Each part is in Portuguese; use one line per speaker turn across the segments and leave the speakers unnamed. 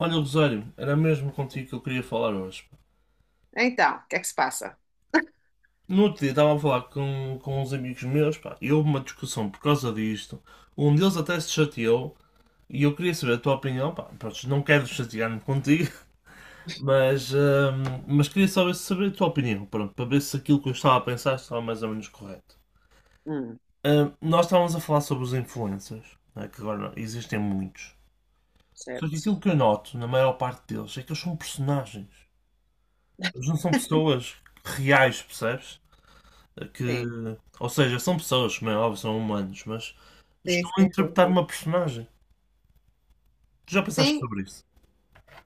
Olha, Rosário, era mesmo contigo que eu queria falar hoje.
Então, o que é que se passa?
No outro dia estava a falar com uns amigos meus, pá, e houve uma discussão por causa disto. Um deles até se chateou, e eu queria saber a tua opinião, pá, pronto, não quero chatear-me contigo, mas queria saber a tua opinião, pronto, para ver se aquilo que eu estava a pensar estava mais ou menos correto.
Hum,
Nós estávamos a falar sobre os influencers, né, que agora existem muitos. Só que
certo.
aquilo que eu noto, na maior parte deles, é que eles são personagens. Eles não são pessoas reais, percebes? Que,
Sim,
ou seja, são pessoas, como é óbvio, são humanos, mas
sim,
estão a
sim, sim,
interpretar
sim.
uma personagem. Tu já pensaste
Sim,
sobre isso?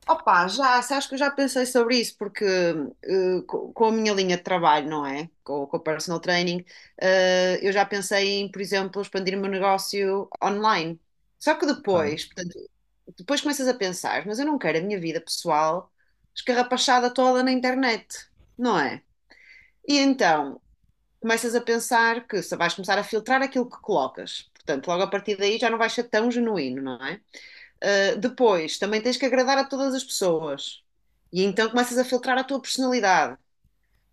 opá, já, sabes que eu já pensei sobre isso, porque com a minha linha de trabalho, não é? Com o personal training, eu já pensei em, por exemplo, expandir o meu negócio online. Só que
Ok.
depois, portanto, depois começas a pensar, mas eu não quero a minha vida pessoal escarrapachada toda na internet, não é? E então, começas a pensar que se vais começar a filtrar aquilo que colocas. Portanto, logo a partir daí já não vais ser tão genuíno, não é? Ah, depois, também tens que agradar a todas as pessoas. E então começas a filtrar a tua personalidade.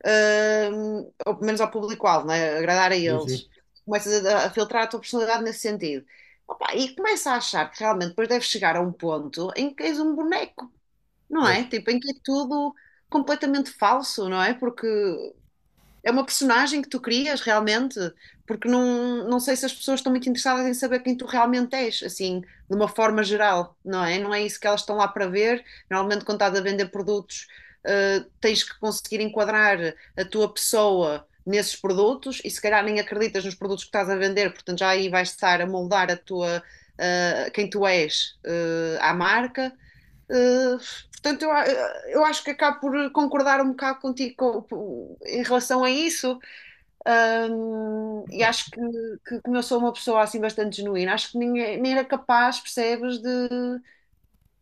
Ou pelo menos ao público-alvo, não é? Agradar a
Sim, sim.
eles. Começas a filtrar a tua personalidade nesse sentido. Opa, e começa a achar que realmente depois deves chegar a um ponto em que és um boneco, não
Pois.
é? Tipo, em que é tudo completamente falso, não é? Porque é uma personagem que tu crias realmente, porque não sei se as pessoas estão muito interessadas em saber quem tu realmente és, assim, de uma forma geral, não é? Não é isso que elas estão lá para ver. Normalmente, quando estás a vender produtos, tens que conseguir enquadrar a tua pessoa nesses produtos e se calhar nem acreditas nos produtos que estás a vender, portanto já aí vais estar a moldar a tua, quem tu és, à marca. Uh, portanto, eu acho que acabo por concordar um bocado contigo em relação a isso. E
Pá,
acho que como eu sou uma pessoa assim bastante genuína, acho que ninguém, nem era capaz, percebes,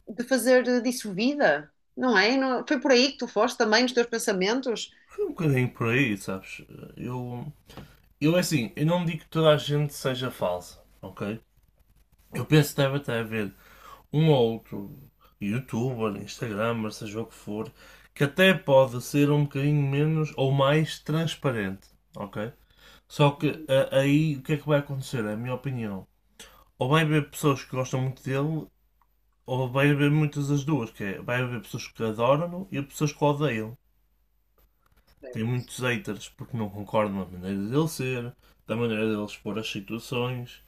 de fazer disso vida, não é? Não- foi por aí que tu foste também nos teus pensamentos?
foi um bocadinho por aí, sabes? Eu, eu é assim, eu não digo que toda a gente seja falsa, ok? Eu penso que deve até haver um ou outro youtuber, instagramer, seja o que for, que até pode ser um bocadinho menos ou mais transparente, ok? Só que aí o que é que vai acontecer? É a minha opinião. Ou vai haver pessoas que gostam muito dele, ou vai haver muitas das duas, que é, vai haver pessoas que adoram e pessoas que o odeiam.
Sim.
Tem muitos haters porque não concordam na maneira dele ser, da maneira dele expor as situações,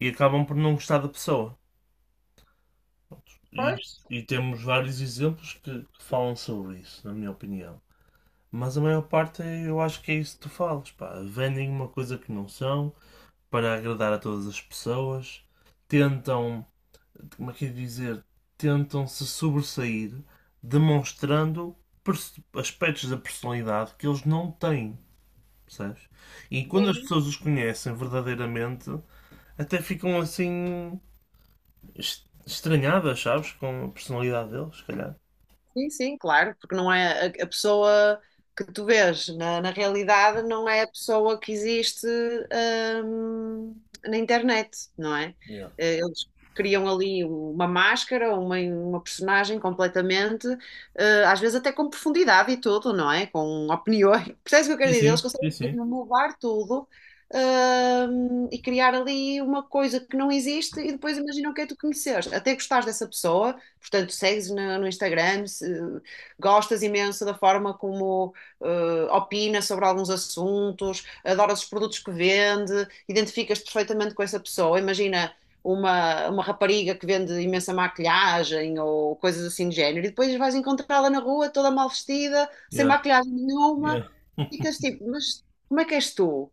e acabam por não gostar da pessoa. E,
Pois.
e temos vários exemplos que falam sobre isso, na minha opinião. Mas a maior parte eu acho que é isso que tu falas, pá. Vendem uma coisa que não são para agradar a todas as pessoas, tentam como é que é dizer, tentam se sobressair demonstrando aspectos da personalidade que eles não têm, percebes? E quando as
É.
pessoas os conhecem verdadeiramente, até ficam assim estranhadas, sabes? Com a personalidade deles, se calhar.
Sim, sim, claro, porque não é a pessoa que tu vês na realidade não é a pessoa que existe, hum, na internet, não é?
Yeah.
Eles criam ali uma máscara, uma personagem completamente, às vezes até com profundidade e tudo, não é? Com opiniões. Percebes o que eu quero
Sim,
dizer? Eles
sim, sim,
conseguem
sim.
mesmo mudar tudo. E criar ali uma coisa que não existe e depois imaginam que é tu conheceres. Até gostares dessa pessoa, portanto, segues no Instagram, se- gostas imenso da forma como opina sobre alguns assuntos, adoras os produtos que vende, identificas-te perfeitamente com essa pessoa. Imagina uma rapariga que vende imensa maquilhagem ou coisas assim de género, e depois vais encontrá-la na rua toda mal vestida, sem
Yeah,
maquilhagem nenhuma,
yeah,
ficas tipo, mas como é que és tu?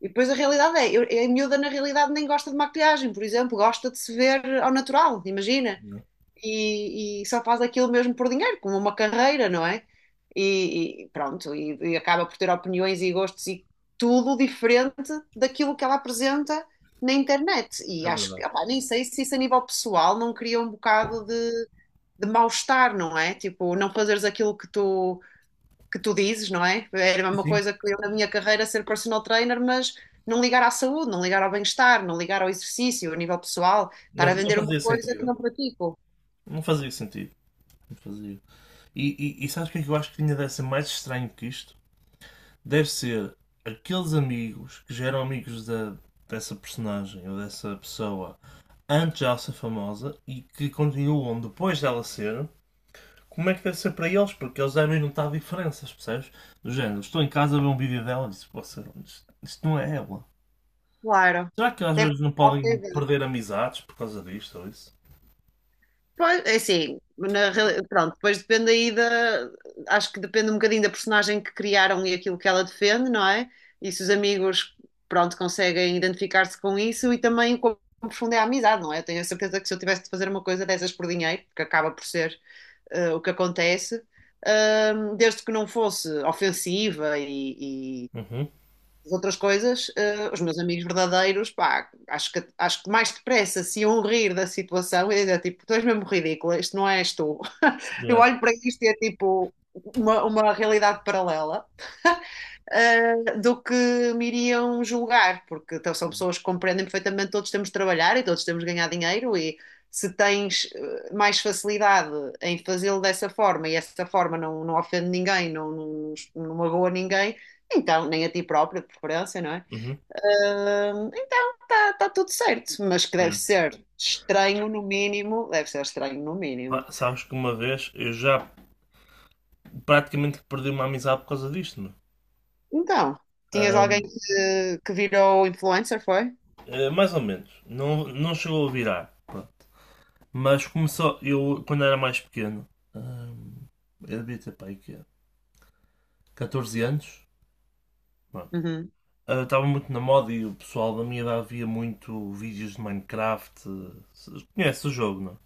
E depois a realidade é, eu, a miúda na realidade nem gosta de maquilhagem, por exemplo, gosta de se ver ao natural, imagina.
yeah.
E só faz aquilo mesmo por dinheiro, como uma carreira, não é? E pronto, e acaba por ter opiniões e gostos e tudo diferente daquilo que ela apresenta na internet. E
É
acho
verdade.
que, opá, nem sei se isso a nível pessoal não cria um bocado de mal-estar, não é? Tipo, não fazeres aquilo que que tu dizes, não é? Era
Sim,
uma
sim.
coisa que eu na minha carreira ser personal trainer, mas. Não ligar à saúde, não ligar ao bem-estar, não ligar ao exercício, a nível pessoal, estar a
Não, não
vender uma
fazia
coisa que
sentido.
não pratico.
Não fazia sentido. Não fazia. E sabes o que é que eu acho que ainda deve ser mais estranho que isto? Deve ser aqueles amigos que já eram amigos dessa personagem ou dessa pessoa antes de ela ser famosa e que continuam depois dela ser, como é que deve ser para eles? Porque eles devem notar diferenças, percebes? Do género, estou em casa a ver um vídeo dela e disse, "Poxa, isto não é ela.
Claro.
Será que às
Deve
vezes não
ser
podem
possível.
perder amizades por causa disto ou isso?
Pois, é assim, na reali- pronto, depois depende aí da. Acho que depende um bocadinho da personagem que criaram e aquilo que ela defende, não é? E se os amigos, pronto, conseguem identificar-se com isso e também como profunda é a amizade, não é? Eu tenho a certeza que se eu tivesse de fazer uma coisa dessas por dinheiro, que acaba por ser o que acontece, desde que não fosse ofensiva e,
Uhum.
as outras coisas, os meus amigos verdadeiros, pá, acho que mais depressa se iam rir da situação e dizer, tipo, tu és mesmo ridícula, isto não és tu. Eu
Yeah.
olho para isto e é tipo uma realidade paralela. Do que me iriam julgar, porque então, são pessoas que compreendem perfeitamente todos temos de trabalhar e todos temos de ganhar dinheiro e se tens mais facilidade em fazê-lo dessa forma e essa forma não, não ofende ninguém, não magoa ninguém, então, nem a ti próprio, de preferência, não é?
Uhum.
Então está tudo certo, mas que
Yeah.
deve ser estranho no mínimo, deve ser estranho no mínimo.
Pá, sabes que uma vez eu já praticamente perdi uma amizade por causa disto, meu.
Então, tinhas alguém
Ahm,
que virou influencer, foi?
Mais ou menos. Não, não chegou a virar. Pronto. Mas começou. Eu, quando era mais pequeno, hum, eu devia ter pai, que 14 anos. Pronto.
Uhum.
Estava muito na moda e o pessoal da minha idade via muito vídeos de Minecraft. Conhece o jogo, não? é?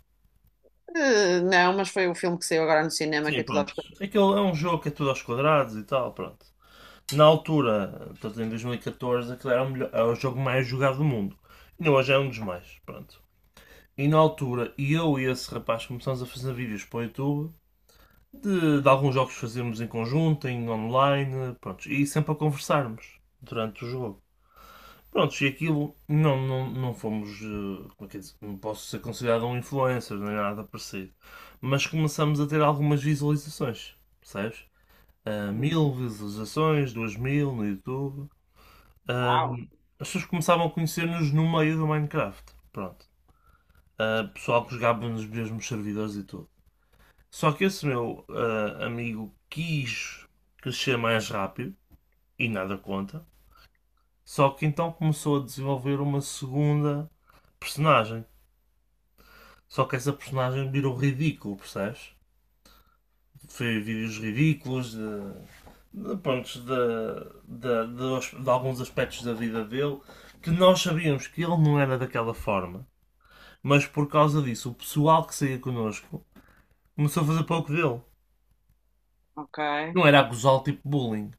Eh, não, mas foi o filme que saiu agora no cinema
Sim,
que é tudo
pronto.
aos...
Aquele é um jogo que é tudo aos quadrados e tal, pronto. Na altura, portanto, em 2014, aquele era o jogo mais jogado do mundo. E hoje é um dos mais, pronto. E na altura, eu e esse rapaz começamos a fazer vídeos para o YouTube de alguns jogos que fazemos em conjunto, em online, pronto, e sempre a conversarmos durante o jogo. Pronto, e aquilo não fomos, como é que é dizer, não posso ser considerado um influencer nem nada parecido, mas começamos a ter algumas visualizações, percebes?
Hum.
Mil visualizações, duas mil no YouTube. Ah,
Uau.
As pessoas começavam a conhecer-nos no meio do Minecraft, pronto. Pessoal que jogava nos mesmos servidores e tudo. Só que esse meu amigo quis crescer mais rápido e nada conta. Só que então começou a desenvolver uma segunda personagem. Só que essa personagem virou ridículo, percebes? Foi vídeos ridículos pronto, de alguns aspectos da vida dele que nós sabíamos que ele não era daquela forma. Mas por causa disso, o pessoal que saía connosco começou a fazer pouco dele.
Ok,
Não era a gozar tipo bullying.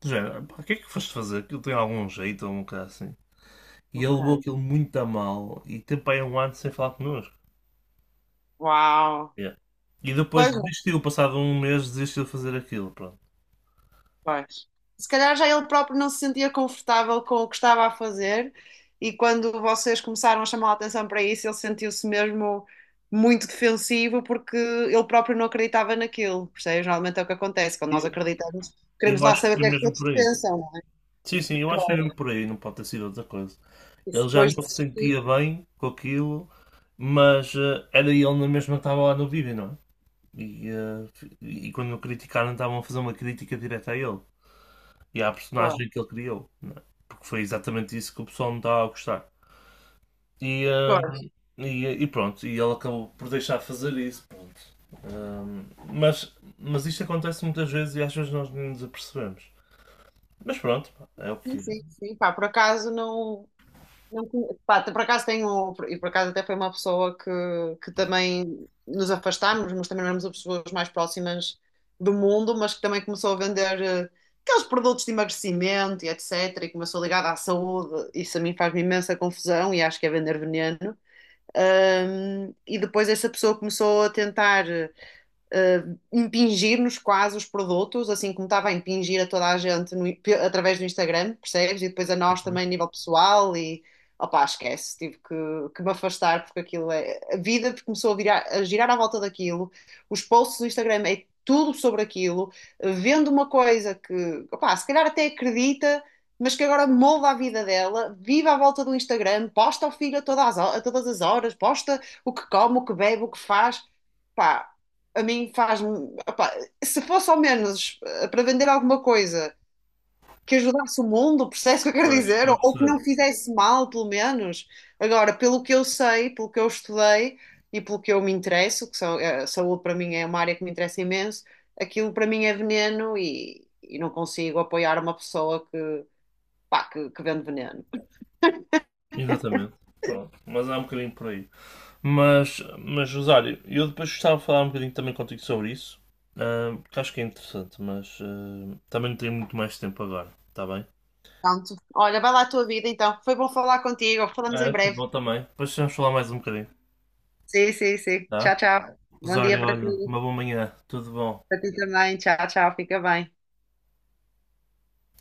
Do género, pá, o que é que foste fazer? Aquilo tem algum jeito ou um bocado assim. E ele
ok.
levou aquilo muito a mal e teve para aí um ano sem falar connosco.
Uau.
Yeah. E depois
Pois.
desistiu, passado um mês, desistiu de fazer aquilo. Pronto.
Pois. Se calhar já ele próprio não se sentia confortável com o que estava a fazer, e quando vocês começaram a chamar a atenção para isso, ele sentiu-se mesmo muito defensivo porque ele próprio não acreditava naquilo. Percebes? Normalmente é o que acontece, quando nós
E,
acreditamos, queremos
eu
lá
acho que
saber o
foi
que é que
mesmo
eles
por aí.
pensam. Não é?
Sim, sim, eu acho que foi mesmo por aí, não pode ter sido outra coisa.
E se
Ele já
depois
não se
desistir,
sentia bem com aquilo, mas era ele na mesma que estava lá no vídeo, não é? E, eh, e quando o criticaram, estavam a fazer uma crítica direta a ele. E à
pá.
personagem que ele criou, não é? Porque foi exatamente isso que o pessoal não estava a gostar. E,
Pô.
hum, e pronto, e ele acabou por deixar fazer isso, pronto. Hum, mas isto acontece muitas vezes e às vezes nós nem nos apercebemos. Mas pronto, pá, é o
Sim,
que é.
sim, sim, pá, por acaso não. Não conhe- pá, por acaso tenho, e por acaso até foi uma pessoa que também nos afastámos, mas também não éramos as pessoas mais próximas do mundo, mas que também começou a vender aqueles produtos de emagrecimento e etc. E começou ligada à saúde. Isso a mim faz-me imensa confusão e acho que é vender veneno. E depois essa pessoa começou a tentar impingir-nos quase os produtos, assim como estava a impingir a toda a gente no- pe- através do Instagram, percebes? E depois a nós também a nível pessoal e opá, esquece, tive que me afastar porque aquilo é. A vida começou a, virar- a girar à volta daquilo, os posts do Instagram é tudo sobre aquilo, vendo uma coisa que, opá, se calhar até acredita. Mas que agora molda a vida dela, vive à volta do Instagram, posta ao filho a todas as ho- a todas as horas, posta o que come, o que bebe, o que faz. Pá, a mim faz-me. Opá, se fosse ao menos para vender alguma coisa que ajudasse o mundo, percebes o que eu quero
Pois,
dizer?
estou a
Ou que não
perceber.
fizesse mal, pelo menos. Agora, pelo que eu sei, pelo que eu estudei e pelo que eu me interesso, que são, a saúde para mim é uma área que me interessa imenso, aquilo para mim é veneno e não consigo apoiar uma pessoa pá, que vende veneno.
Exatamente. Pronto, mas há um bocadinho por aí. Mas Rosário, eu depois gostava de falar um bocadinho também contigo sobre isso, porque acho que é interessante, mas também não tenho muito mais tempo agora, está bem?
Portanto, olha, vai lá a tua vida então. Foi bom falar contigo. Falamos em
É,
breve.
futebol também. Depois vamos falar mais um bocadinho,
Sim, sim, sim.
tá?
Tchau, tchau. Bom dia
Rosário,
para
olha,
ti.
uma boa manhã, tudo bom.
Para ti também. Tchau, tchau. Fica bem.